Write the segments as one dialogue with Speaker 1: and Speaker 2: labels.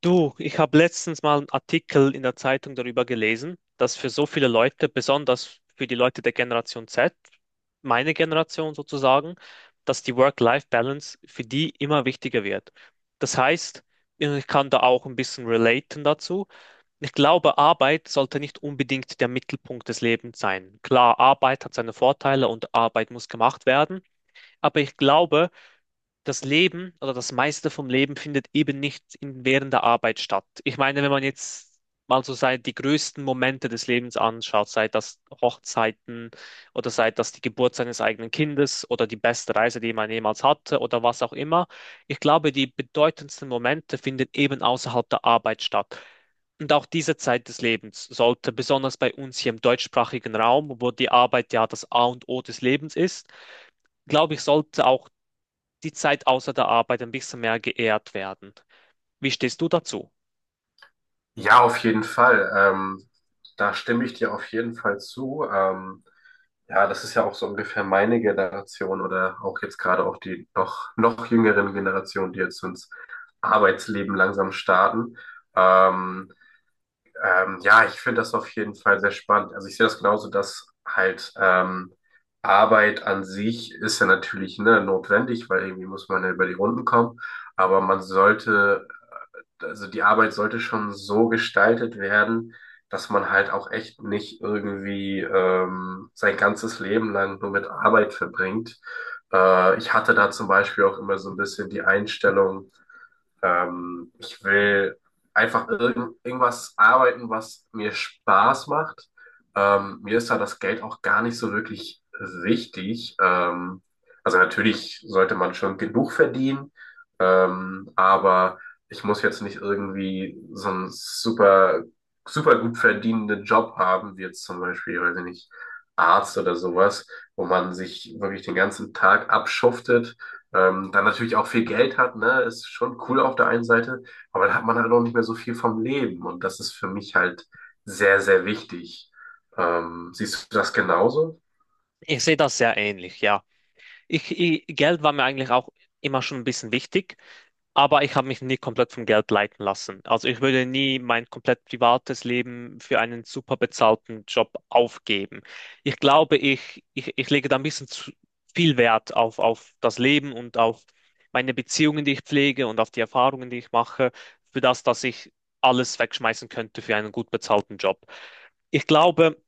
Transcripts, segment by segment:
Speaker 1: Du, ich habe letztens mal einen Artikel in der Zeitung darüber gelesen, dass für so viele Leute, besonders für die Leute der Generation Z, meine Generation sozusagen, dass die Work-Life-Balance für die immer wichtiger wird. Das heißt, ich kann da auch ein bisschen relaten dazu. Ich glaube, Arbeit sollte nicht unbedingt der Mittelpunkt des Lebens sein. Klar, Arbeit hat seine Vorteile und Arbeit muss gemacht werden, aber ich glaube, das Leben oder das meiste vom Leben findet eben nicht in, während der Arbeit statt. Ich meine, wenn man jetzt mal so sei, die größten Momente des Lebens anschaut, sei das Hochzeiten oder sei das die Geburt seines eigenen Kindes oder die beste Reise, die man jemals hatte oder was auch immer. Ich glaube, die bedeutendsten Momente finden eben außerhalb der Arbeit statt. Und auch diese Zeit des Lebens sollte besonders bei uns hier im deutschsprachigen Raum, wo die Arbeit ja das A und O des Lebens ist, glaube ich, sollte auch die Zeit außer der Arbeit ein bisschen mehr geehrt werden. Wie stehst du dazu?
Speaker 2: Ja, auf jeden Fall. Da stimme ich dir auf jeden Fall zu. Ja, das ist ja auch so ungefähr meine Generation oder auch jetzt gerade auch die noch jüngeren Generationen, die jetzt ins Arbeitsleben langsam starten. Ähm, ja, ich finde das auf jeden Fall sehr spannend. Also ich sehe das genauso, dass halt Arbeit an sich ist ja natürlich, ne, notwendig, weil irgendwie muss man ja über die Runden kommen. Aber man sollte Also die Arbeit sollte schon so gestaltet werden, dass man halt auch echt nicht irgendwie sein ganzes Leben lang nur mit Arbeit verbringt. Ich hatte da zum Beispiel auch immer so ein bisschen die Einstellung, ich will einfach irgendwas arbeiten, was mir Spaß macht. Mir ist da das Geld auch gar nicht so wirklich wichtig. Also natürlich sollte man schon genug verdienen, aber ich muss jetzt nicht irgendwie so einen super gut verdienenden Job haben, wie jetzt zum Beispiel, weiß ich nicht, Arzt oder sowas, wo man sich wirklich den ganzen Tag abschuftet, dann natürlich auch viel Geld hat, ne, ist schon cool auf der einen Seite, aber dann hat man halt auch nicht mehr so viel vom Leben, und das ist für mich halt sehr, sehr wichtig. Siehst du das genauso?
Speaker 1: Ich sehe das sehr ähnlich, ja. Ich, Geld war mir eigentlich auch immer schon ein bisschen wichtig, aber ich habe mich nie komplett vom Geld leiten lassen. Also ich würde nie mein komplett privates Leben für einen super bezahlten Job aufgeben. Ich glaube, ich lege da ein bisschen zu viel Wert auf das Leben und auf meine Beziehungen, die ich pflege und auf die Erfahrungen, die ich mache, für das, dass ich alles wegschmeißen könnte für einen gut bezahlten Job. Ich glaube,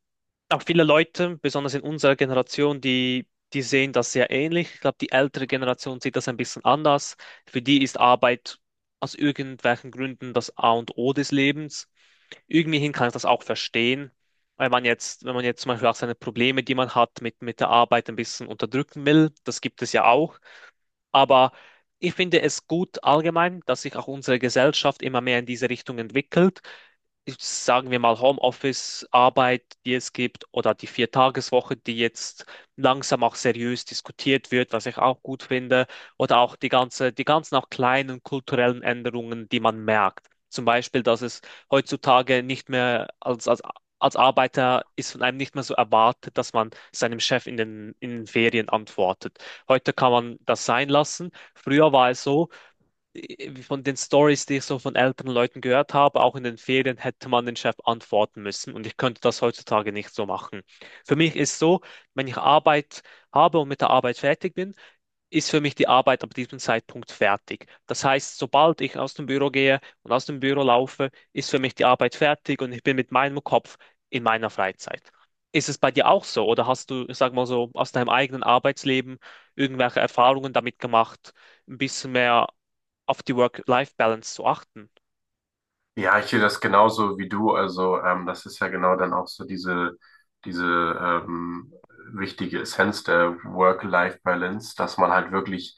Speaker 1: auch viele Leute, besonders in unserer Generation, die sehen das sehr ähnlich. Ich glaube, die ältere Generation sieht das ein bisschen anders. Für die ist Arbeit aus irgendwelchen Gründen das A und O des Lebens. Irgendwie hin kann ich das auch verstehen, weil man jetzt, wenn man jetzt zum Beispiel auch seine Probleme, die man hat, mit der Arbeit ein bisschen unterdrücken will, das gibt es ja auch. Aber ich finde es gut allgemein, dass sich auch unsere Gesellschaft immer mehr in diese Richtung entwickelt. Ich- Sagen wir mal Homeoffice-Arbeit, die es gibt, oder die Viertageswoche, die jetzt langsam auch seriös diskutiert wird, was ich auch gut finde, oder auch die ganze, die ganzen auch kleinen kulturellen Änderungen, die man merkt. Zum Beispiel, dass es heutzutage nicht mehr als Arbeiter ist von einem nicht mehr so erwartet, dass man seinem Chef in den Ferien antwortet. Heute kann man das sein lassen. Früher war es so, von den Stories, die ich so von älteren Leuten gehört habe, auch in den Ferien hätte man den Chef antworten müssen und ich könnte das heutzutage nicht so machen. Für mich ist so, wenn ich Arbeit habe und mit der Arbeit fertig bin, ist für mich die Arbeit ab diesem Zeitpunkt fertig. Das heißt, sobald ich aus dem Büro gehe und aus dem Büro laufe, ist für mich die Arbeit fertig und ich bin mit meinem Kopf in meiner Freizeit. Ist es bei dir auch so oder hast du, sag mal so, aus deinem eigenen Arbeitsleben irgendwelche Erfahrungen damit gemacht, ein bisschen mehr auf die Work-Life-Balance zu achten?
Speaker 2: Ja, ich sehe das genauso wie du. Also, das ist ja genau dann auch so diese ähm, wichtige Essenz der Work-Life-Balance, dass man halt wirklich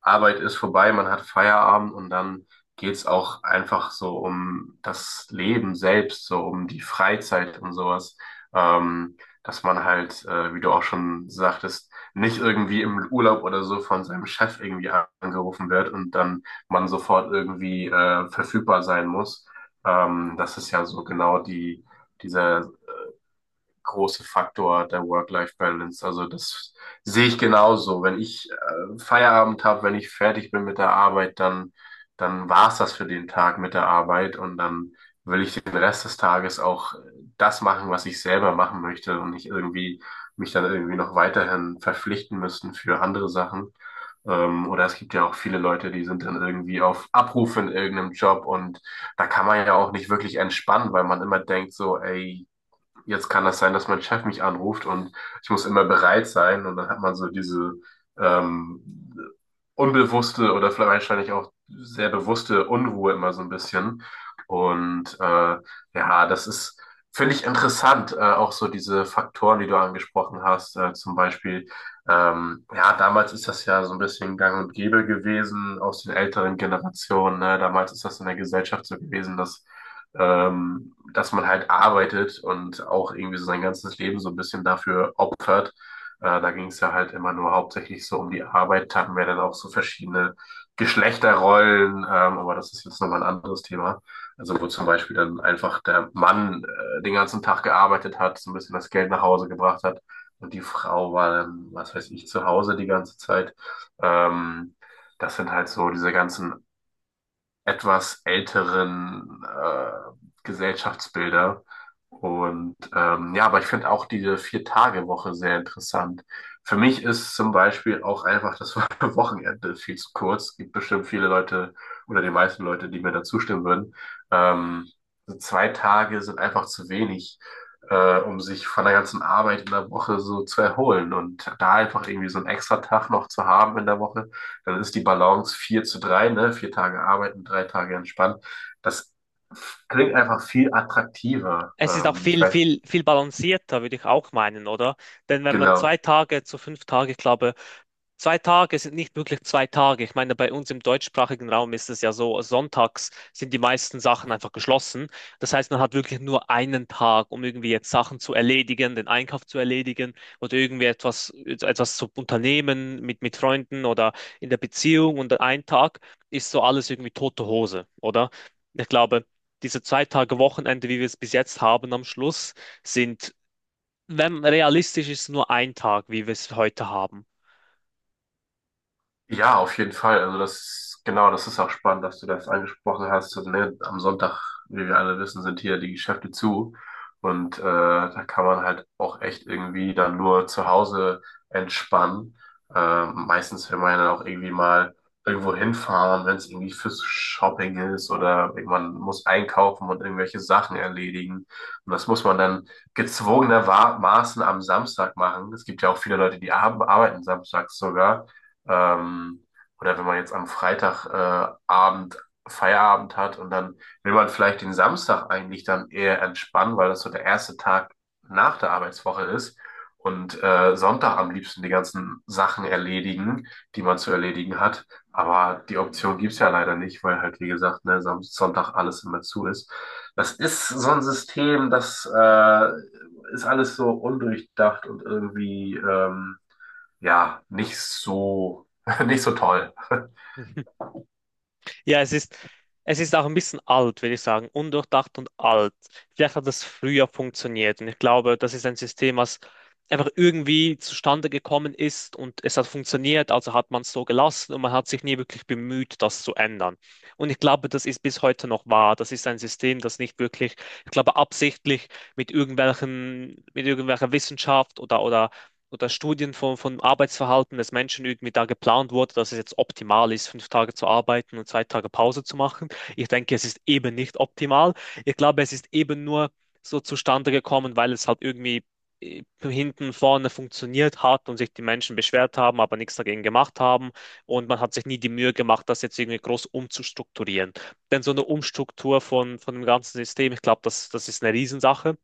Speaker 2: Arbeit ist vorbei, man hat Feierabend, und dann geht's auch einfach so um das Leben selbst, so um die Freizeit und sowas. Ähm, Dass man halt, wie du auch schon sagtest, nicht irgendwie im Urlaub oder so von seinem Chef irgendwie angerufen wird und dann man sofort irgendwie verfügbar sein muss. Das ist ja so genau dieser große Faktor der Work-Life-Balance. Also das sehe ich genauso. Wenn ich Feierabend habe, wenn ich fertig bin mit der Arbeit, dann war's das für den Tag mit der Arbeit, und dann will ich den Rest des Tages auch das machen, was ich selber machen möchte, und nicht irgendwie mich dann irgendwie noch weiterhin verpflichten müssen für andere Sachen. Oder es gibt ja auch viele Leute, die sind dann irgendwie auf Abruf in irgendeinem Job, und da kann man ja auch nicht wirklich entspannen, weil man immer denkt so, ey, jetzt kann das sein, dass mein Chef mich anruft, und ich muss immer bereit sein, und dann hat man so diese ähm, unbewusste oder vielleicht wahrscheinlich auch sehr bewusste Unruhe immer so ein bisschen. Und ja, finde ich interessant, auch so diese Faktoren, die du angesprochen hast, zum Beispiel, ja, damals ist das ja so ein bisschen gang und gäbe gewesen aus den älteren Generationen, ne? Damals ist das in der Gesellschaft so gewesen, dass man halt arbeitet und auch irgendwie so sein ganzes Leben so ein bisschen dafür opfert. Da ging es ja halt immer nur hauptsächlich so um die Arbeit, hatten wir dann auch so verschiedene Geschlechterrollen, aber das ist jetzt nochmal ein anderes Thema. Also wo zum Beispiel dann einfach der Mann den ganzen Tag gearbeitet hat, so ein bisschen das Geld nach Hause gebracht hat, und die Frau war dann, was weiß ich, zu Hause die ganze Zeit. Ähm, Das sind halt so diese ganzen etwas älteren Gesellschaftsbilder. Und ja, aber ich finde auch diese Vier-Tage-Woche sehr interessant. Für mich ist zum Beispiel auch einfach das Wochenende viel zu kurz. Es gibt bestimmt viele Leute oder die meisten Leute, die mir da zustimmen würden. Ähm, so 2 Tage sind einfach zu wenig, um sich von der ganzen Arbeit in der Woche so zu erholen. Und da einfach irgendwie so einen extra Tag noch zu haben in der Woche, dann ist die Balance 4:3, ne? 4 Tage arbeiten, 3 Tage entspannen. Das klingt einfach viel attraktiver.
Speaker 1: Es ist auch viel, viel, viel balancierter, würde ich auch meinen, oder? Denn wenn man zwei
Speaker 2: Genau.
Speaker 1: Tage zu 5 Tage glaube 2 Tage sind nicht wirklich 2 Tage. Ich meine, bei uns im deutschsprachigen Raum ist es ja so, sonntags sind die meisten Sachen einfach geschlossen. Das heißt, man hat wirklich nur einen Tag, um irgendwie jetzt Sachen zu erledigen, den Einkauf zu erledigen oder irgendwie etwas zu unternehmen mit Freunden oder in der Beziehung. Und ein Tag ist so alles irgendwie tote Hose, oder? Ich glaube, diese 2 Tage Wochenende, wie wir es bis jetzt haben am Schluss, sind, wenn realistisch ist, nur ein Tag, wie wir es heute haben.
Speaker 2: Ja, auf jeden Fall. Also das, genau, das ist auch spannend, dass du das angesprochen hast. Also, ne, am Sonntag, wie wir alle wissen, sind hier die Geschäfte zu. Und da kann man halt auch echt irgendwie dann nur zu Hause entspannen. Meistens will man ja dann auch irgendwie mal irgendwo hinfahren, wenn es irgendwie fürs Shopping ist, oder man muss einkaufen und irgendwelche Sachen erledigen. Und das muss man dann gezwungenermaßen am Samstag machen. Es gibt ja auch viele Leute, die arbeiten samstags sogar. Ähm, oder wenn man jetzt am Freitagabend Abend Feierabend hat und dann will man vielleicht den Samstag eigentlich dann eher entspannen, weil das so der erste Tag nach der Arbeitswoche ist, und Sonntag am liebsten die ganzen Sachen erledigen, die man zu erledigen hat. Aber die Option gibt's ja leider nicht, weil halt, wie gesagt, ne, Sonntag alles immer zu ist. Das ist so ein System, das ist alles so undurchdacht und irgendwie ja, nicht so, nicht so toll.
Speaker 1: Ja, es ist auch ein bisschen alt, würde ich sagen. Undurchdacht und alt. Vielleicht hat das früher funktioniert. Und ich glaube, das ist ein System, was einfach irgendwie zustande gekommen ist und es hat funktioniert, also hat man es so gelassen und man hat sich nie wirklich bemüht, das zu ändern. Und ich glaube, das ist bis heute noch wahr. Das ist ein System, das nicht wirklich, ich glaube, absichtlich mit irgendwelchen, mit irgendwelcher Wissenschaft oder, oder Studien von Arbeitsverhalten des Menschen irgendwie da geplant wurde, dass es jetzt optimal ist, 5 Tage zu arbeiten und 2 Tage Pause zu machen. Ich denke, es ist eben nicht optimal. Ich glaube, es ist eben nur so zustande gekommen, weil es halt irgendwie hinten vorne funktioniert hat und sich die Menschen beschwert haben, aber nichts dagegen gemacht haben. Und man hat sich nie die Mühe gemacht, das jetzt irgendwie groß umzustrukturieren. Denn so eine Umstruktur von dem ganzen System, ich glaube, das ist eine Riesensache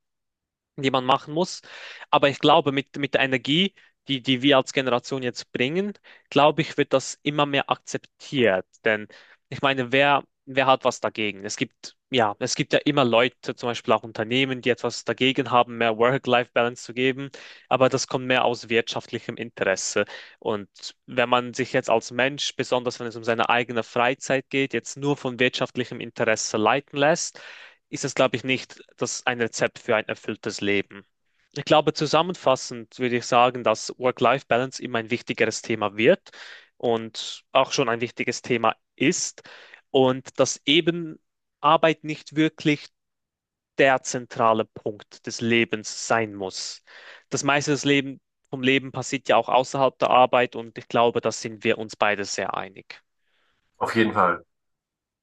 Speaker 1: die man machen muss. Aber ich glaube, mit der Energie, die wir als Generation jetzt bringen, glaube ich, wird das immer mehr akzeptiert. Denn ich meine, wer hat was dagegen? Es gibt ja immer Leute, zum Beispiel auch Unternehmen, die etwas dagegen haben, mehr Work-Life-Balance zu geben. Aber das kommt mehr aus wirtschaftlichem Interesse. Und wenn man sich jetzt als Mensch, besonders wenn es um seine eigene Freizeit geht, jetzt nur von wirtschaftlichem Interesse leiten lässt, ist es, glaube ich, nicht das ein Rezept für ein erfülltes Leben. Ich glaube, zusammenfassend würde ich sagen, dass Work-Life-Balance immer ein wichtigeres Thema wird und auch schon ein wichtiges Thema ist und dass eben Arbeit nicht wirklich der zentrale Punkt des Lebens sein muss. Das meiste des Leben, vom Leben passiert ja auch außerhalb der Arbeit und ich glaube, da sind wir uns beide sehr einig.
Speaker 2: Auf jeden Fall.